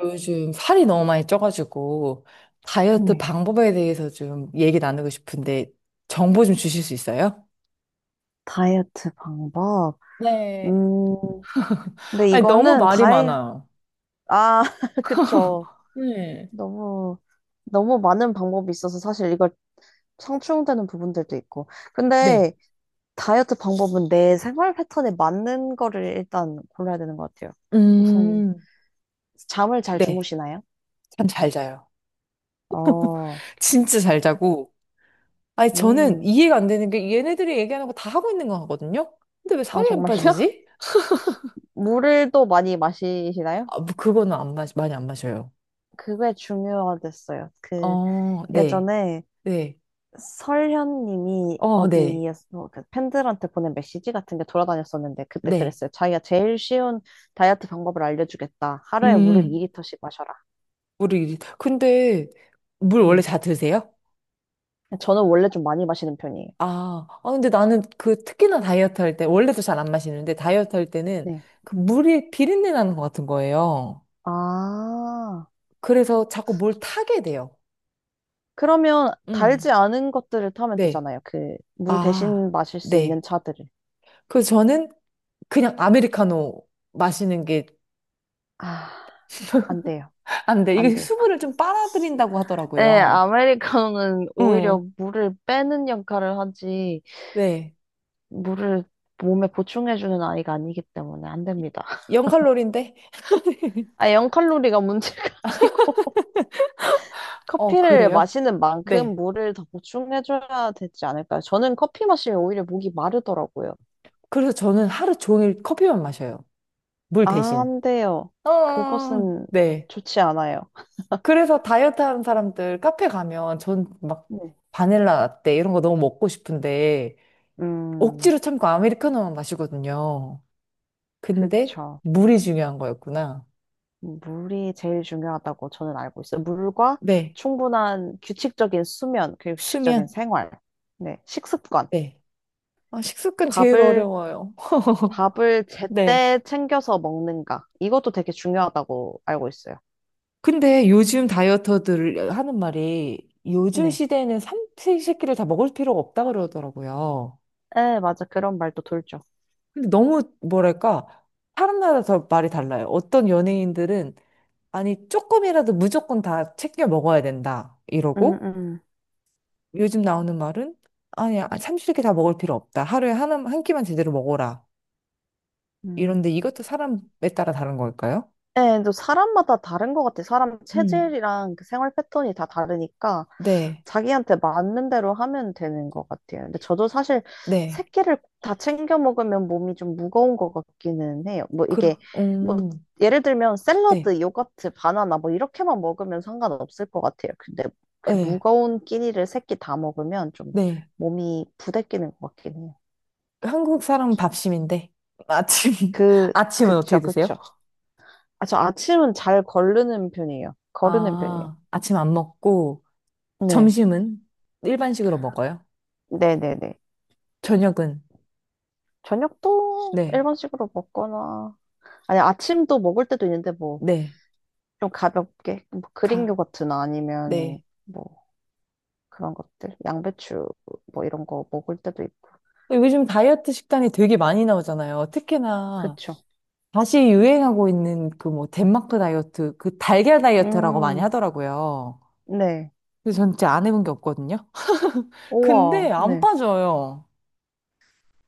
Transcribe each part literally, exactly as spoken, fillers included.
요즘 살이 너무 많이 쪄가지고 다이어트 네. 방법에 대해서 좀 얘기 나누고 싶은데 정보 좀 주실 수 있어요? 다이어트 방법. 네, 음, 근데 아니, 너무 이거는 말이 다이, 많아요. 아, 그쵸. 네, 너무, 너무 많은 방법이 있어서 사실 이걸 상충되는 부분들도 있고. 네. 근데 다이어트 방법은 내 생활 패턴에 맞는 거를 일단 골라야 되는 것 같아요. 우선, 음, 잠을 잘 네. 주무시나요? 잠 잘 자요. 어, 진짜 잘 그- 자고. 아니, 저는 음, 이해가 안 되는 게 얘네들이 얘기하는 거 다 하고 있는 거 같거든요? 근데 왜 아, 살이 안 정말요? 빠지지? 물을 또 많이 마시시나요? 아, 뭐 그거는 안 마, 많이 안 마셔요. 그게 중요하겠어요. 그, 어, 네. 예전에 네. 설현님이 어, 네. 어디에서 그 팬들한테 보낸 메시지 같은 게 돌아다녔었는데 그때 네. 그랬어요. 자기가 제일 쉬운 다이어트 방법을 알려주겠다. 음. 하루에 물을 음. 이 리터씩 마셔라. 우리 근데 물 원래 네. 다 드세요? 저는 원래 좀 많이 마시는 편이에요. 아, 아 근데 나는 그 특히나 다이어트 할 때 원래도 잘 안 마시는데 다이어트 할 때는 네. 그 물이 비린내 나는 것 같은 거예요. 아, 그래서 자꾸 뭘 타게 돼요. 그러면 달지 음, 않은 것들을 타면 네. 되잖아요. 그 물 아, 대신 마실 수 있는 네. 차들을. 그래서 저는 그냥 아메리카노 마시는 게 아, 안 돼요. 안 돼. 안 이게 돼요. 수분을 좀 빨아들인다고 네, 하더라고요. 아메리카노는 음, 오히려 물을 빼는 역할을 하지. 네. 물을 몸에 보충해주는 아이가 아니기 때문에 안 됩니다. 영 칼로리인데? 아, 영 칼로리가 문제가 아니고 어, 커피를 그래요? 마시는 만큼 네. 물을 더 보충해줘야 되지 않을까요? 저는 커피 마시면 오히려 목이 마르더라고요. 그래서 저는 하루 종일 커피만 마셔요. 물 대신. 안 돼요. 어, 어, 그것은 네. 좋지 않아요. 그래서 다이어트 하는 사람들 카페 가면 전 막 네. 바닐라 라떼 이런 거 너무 먹고 싶은데 음, 억지로 참고 아메리카노만 마시거든요. 근데 그쵸. 물이 중요한 거였구나. 물이 제일 중요하다고 저는 알고 있어요. 물과 네. 충분한 규칙적인 수면, 그리고 규칙적인 수면. 생활, 네, 식습관. 네. 아, 식습관 제일 밥을 어려워요. 밥을 네. 제때 챙겨서 먹는가. 이것도 되게 중요하다고 알고 있어요. 근데 요즘 다이어터들 하는 말이 요즘 네. 시대에는 삼시세끼를 다 먹을 필요가 없다 그러더라고요. 에, 맞아. 그런 말도 돌죠. 근데 너무 뭐랄까 사람마다 더 말이 달라요. 어떤 연예인들은 아니 조금이라도 무조건 다 챙겨 먹어야 된다 음, 이러고 음. 요즘 나오는 말은 아니 아, 삼시세끼 다 먹을 필요 없다. 하루에 하나 한 끼만 제대로 먹어라. 이런데 음. 이것도 사람에 따라 다른 걸까요? 예, 또 사람마다 다른 것 같아. 사람 음. 체질이랑 그 생활 패턴이 다 다르니까. 네, 자기한테 맞는 대로 하면 되는 것 같아요. 근데 저도 사실 네, 새끼를 다 챙겨 먹으면 몸이 좀 무거운 것 같기는 해요. 뭐 이게 그러, 뭐 음, 예를 들면 네, 샐러드, 요거트, 바나나 뭐 이렇게만 먹으면 상관없을 것 같아요. 근데 그 네, 무거운 끼니를 새끼 다 먹으면 좀 네. 몸이 부대끼는 것 같긴 해요. 한국 사람은 밥심인데 아침 그 아침은 어떻게 그쵸 드세요? 그쵸. 아, 저 아침은 잘 거르는 편이에요. 거르는 편이에요. 아, 아침 안 먹고. 네. 점심은 일반식으로 먹어요. 네네네. 저녁은 저녁도 네, 일반식으로 먹거나 아니, 아침도 먹을 때도 있는데, 뭐, 네, 좀 가볍게, 뭐, 그린 가, 요거트나 아니면, 네. 뭐, 그런 것들, 양배추, 뭐, 이런 거 먹을 때도 있고. 요즘 다이어트 식단이 되게 많이 나오잖아요. 특히나 그쵸. 다시 유행하고 있는 그 뭐 덴마크 다이어트, 그 달걀 다이어트라고 많이 음, 하더라고요. 네. 근데 전 진짜 안 해본 게 없거든요. 근데 우와, 안 네. 빠져요.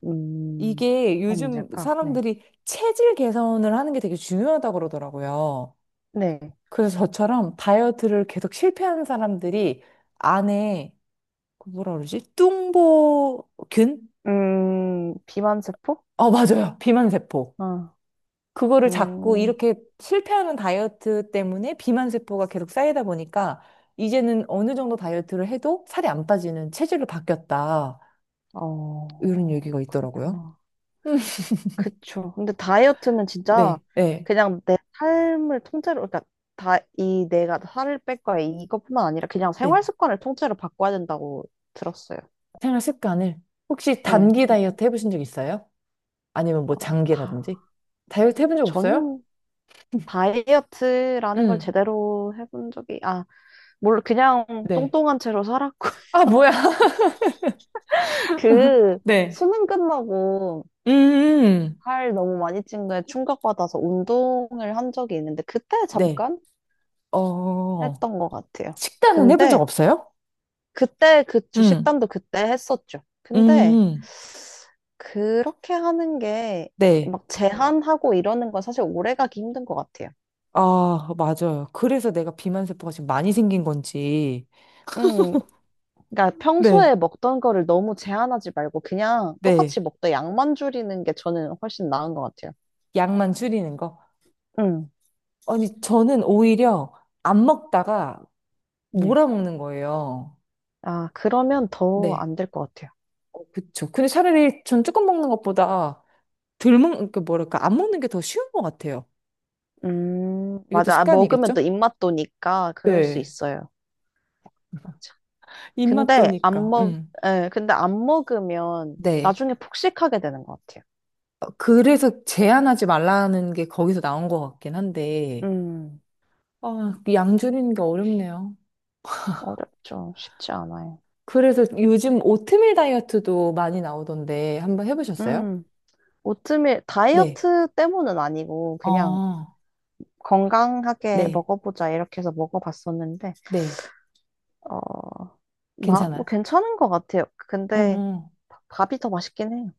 음, 이게 뭐가 요즘 문제일까? 네. 사람들이 체질 개선을 하는 게 되게 중요하다고 그러더라고요. 네. 그래서 저처럼 다이어트를 계속 실패하는 사람들이 안에 그 뭐라 그러지? 뚱보균? 음, 비만세포? 어, 맞아요. 비만세포. 아, 그거를 자꾸 음, 이렇게 실패하는 다이어트 때문에 비만세포가 계속 쌓이다 보니까 이제는 어느 정도 다이어트를 해도 살이 안 빠지는 체질로 바뀌었다. 어, 이런 얘기가 있더라고요. 그렇구나. 음, 그쵸. 근데 다이어트는 진짜 네, 네, 그냥 내 삶을 통째로, 그러니까 다, 이 내가 살을 뺄 거야. 이것뿐만 아니라 그냥 네. 생활 습관을 통째로 바꿔야 된다고 들었어요. 생활 습관을. 혹시 네. 단기 다이어트 해보신 적 있어요? 아니면 어, 뭐 다, 장기라든지? 다이어트 해본 적 없어요? 저는 다이어트라는 걸 음, 제대로 해본 적이, 아, 뭘 그냥 네. 뚱뚱한 채로 살았고, 아, 뭐야. 그 네. 수능 끝나고 음, 살 너무 많이 찐 거에 충격받아서 운동을 한 적이 있는데, 그때 네. 잠깐 어. 했던 것 같아요. 식단은 해본 적 근데 없어요? 그때 그 응, 주식단도 그때 했었죠. 음, 근데 음, 그렇게 하는 게 네. 막 제한하고 이러는 건 사실 오래 가기 힘든 것 같아요. 아, 맞아요. 그래서 내가 비만세포가 지금 많이 생긴 건지. 음, 그러니까 네, 평소에 먹던 거를 너무 제한하지 말고 그냥 네. 똑같이 먹되 양만 줄이는 게 저는 훨씬 나은 것 같아요. 양만 줄이는 거. 음, 아니, 저는 오히려 안 먹다가 네. 몰아먹는 거예요. 아, 그러면 더 네. 안 될 것 같아요. 어, 그쵸. 근데 차라리 전 조금 먹는 것보다 덜 먹는, 그 뭐랄까, 안 먹는 게 더 쉬운 것 같아요. 음, 이것도 맞아. 아, 먹으면 습관이겠죠? 또 입맛 도니까 그럴 수 네. 있어요. 맞아. 입맛 근데 안 도니까. 먹, 음. 예, 근데 안 먹으면 네. 나중에 폭식하게 되는 것 같아요. 그래서 제한하지 말라는 게 거기서 나온 것 같긴 한데, 음. 아, 양 줄이는 게 어렵네요. 어렵죠. 쉽지 않아요. 그래서 요즘 오트밀 다이어트도 많이 나오던데, 한번 해보셨어요? 음, 오트밀 네. 다이어트 때문은 아니고 그냥 아, 건강하게 네. 먹어보자 이렇게 해서 먹어봤었는데 네. 어, 마, 뭐 괜찮아요. 괜찮은 것 같아요. 근데 음. 바- 밥이 더 맛있긴 해요.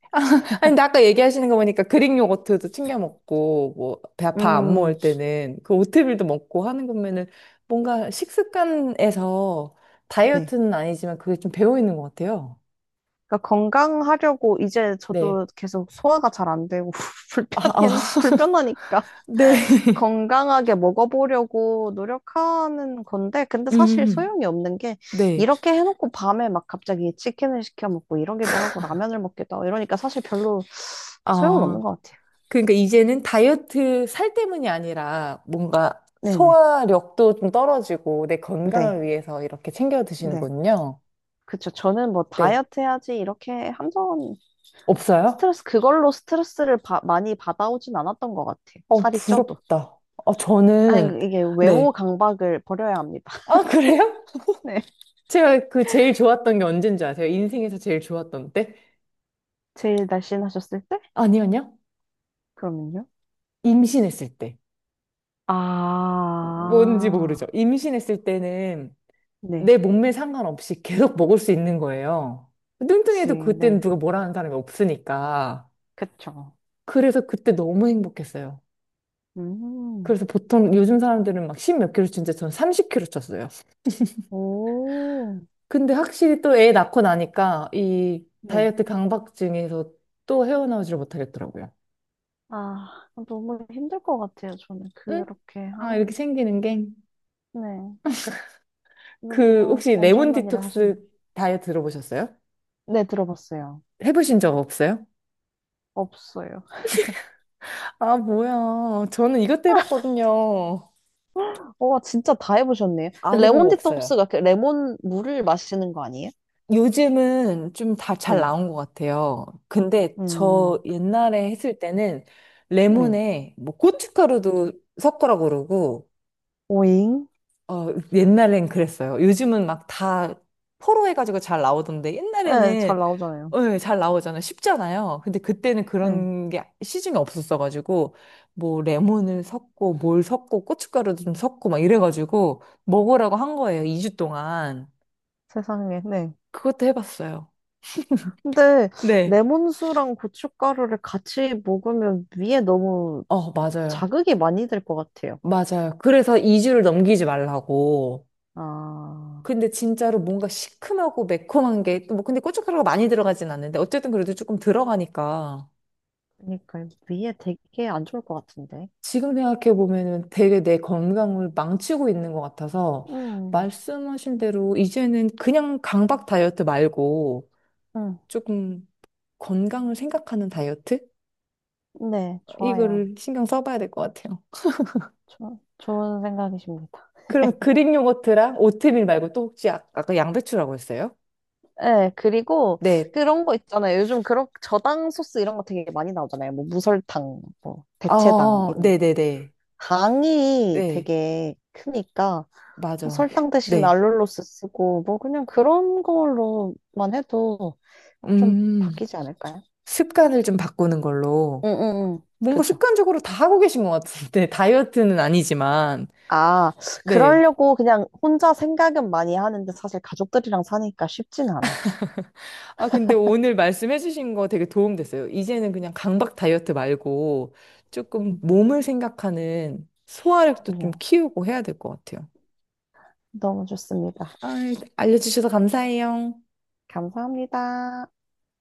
아니, 근데 아까 얘기하시는 거 보니까 그릭 요거트도 챙겨 먹고, 뭐, 배 아파 안 음, 먹을 때는 그 오트밀도 먹고 하는 거면은 뭔가 식습관에서 네. 다이어트는 아니지만 그게 좀 배어 있는 것 같아요. 그러니까 건강하려고 이제 네. 저도 계속 소화가 잘 안 되고 아, 아, 불편해 불편하니까 네. 건강하게 먹어보려고 노력하는 건데, 근데 사실 음, 소용이 없는 게, 네. 이렇게 해놓고 밤에 막 갑자기 치킨을 시켜 먹고 이러기도 하고 라면을 먹기도 하고 이러니까 사실 별로 소용은 없는 아, 것 같아요. 그러니까 이제는 다이어트 살 때문이 아니라 뭔가 네네. 소화력도 좀 떨어지고 내 건강을 네. 위해서 이렇게 챙겨 네. 드시는군요. 그쵸. 저는 뭐 네. 다이어트 해야지 이렇게 한 번 없어요? 스트레스, 그걸로 스트레스를 바- 많이 받아오진 않았던 것 같아요. 어, 살이 쪄도. 부럽다. 어, 아니, 저는, 그 이게 외모 네. 강박을 버려야 합니다. 아, 그래요? 네. 제가 그 제일 좋았던 게 언제인 줄 아세요? 인생에서 제일 좋았던 때? 제일 날씬하셨을 때? 아니요, 아니요. 그러면요. 임신했을 때. 뭔지 모르죠. 아, 임신했을 때는 네. 내 몸매 상관없이 계속 먹을 수 있는 거예요. 그치, 뚱뚱해도 그때는 네. 누가 뭐라 하는 사람이 없으니까. 그쵸. 그래서 그때 너무 행복했어요. 음, 그래서 보통 요즘 사람들은 막 십 몇 킬로 찌는데 저는 삼십 킬로 쪘어요. 오, 근데 확실히 또 애 낳고 나니까 이 네. 다이어트 강박증에서 또 헤어나오지를 못하겠더라고요. 아, 너무 힘들 것 같아요. 저는 응? 그렇게 아, 하는 이렇게 게. 생기는 게. 네. 그, 너무 혹시 레몬 엄청난 일을 하셨네. 디톡스 다이어트 들어보셨어요? 네, 들어봤어요. 해보신 적 없어요? 없어요. 아, 뭐야. 저는 이것도 해봤거든요. 와, 진짜 다 해보셨네요. 안 근데 해본 레몬 거 없어요. 디톡스가 그 레몬 물을 마시는 거 아니에요? 요즘은 좀 다 잘 네. 나온 것 같아요. 근데 음, 저 옛날에 했을 때는 네. 레몬에 뭐 고춧가루도 섞으라고 그러고, 오잉? 어, 옛날엔 그랬어요. 요즘은 막 다 포로 해가지고 잘 나오던데 네, 잘 옛날에는 나오잖아요. 어, 예, 잘 나오잖아요. 쉽잖아요. 근데 그때는 네. 그런 게 시중에 없었어가지고 뭐 레몬을 섞고 뭘 섞고 고춧가루도 좀 섞고 막 이래가지고 먹으라고 한 거예요. 이 주 동안. 세상에, 네. 그것도 해봤어요. 근데 네. 레몬수랑 고춧가루를 같이 먹으면 위에 너무 어, 맞아요. 자극이 많이 될 것 같아요. 맞아요. 그래서 이 주를 넘기지 말라고. 아, 근데 진짜로 뭔가 시큼하고 매콤한 게, 또 뭐, 근데 고춧가루가 많이 들어가진 않는데, 어쨌든 그래도 조금 들어가니까. 그러니까 위에 되게 안 좋을 것 같은데. 지금 생각해보면은 되게 내 건강을 망치고 있는 것 같아서, 음, 말씀하신 대로 이제는 그냥 강박 다이어트 말고, 음, 조금 건강을 생각하는 다이어트? 네, 좋아요. 이거를 신경 써봐야 될 것 같아요. 조, 좋은 생각이십니다. 그럼 그릭 요거트랑 오트밀 말고 또 혹시 아- 아까 양배추라고 했어요? 네, 그리고 네. 그런 거 있잖아요. 요즘 그런 저당 소스 이런 거 되게 많이 나오잖아요. 뭐 무설탕, 뭐 대체당 어, 이런. 네네네. 당이 네, 되게 크니까 뭐 맞아. 설탕 대신 네. 알룰로스 쓰고 뭐 그냥 그런 걸로만 해도 좀 음, 바뀌지 않을까요? 습관을 좀 바꾸는 걸로. 응, 응, 응. 뭔가 그죠. 습관적으로 다 하고 계신 것 같은데, 다이어트는 아니지만. 아, 네. 그러려고 그냥 혼자 생각은 많이 하는데 사실 가족들이랑 사니까 쉽진 않아요. 아, 근데 오늘 말씀해주신 거 되게 도움 됐어요. 이제는 그냥 강박 다이어트 말고 조금 음, 몸을 생각하는 소화력도 좀 그럼요. 키우고 해야 될 것 같아요. 너무 좋습니다. 아, 알려주셔서 감사해요. 감사합니다.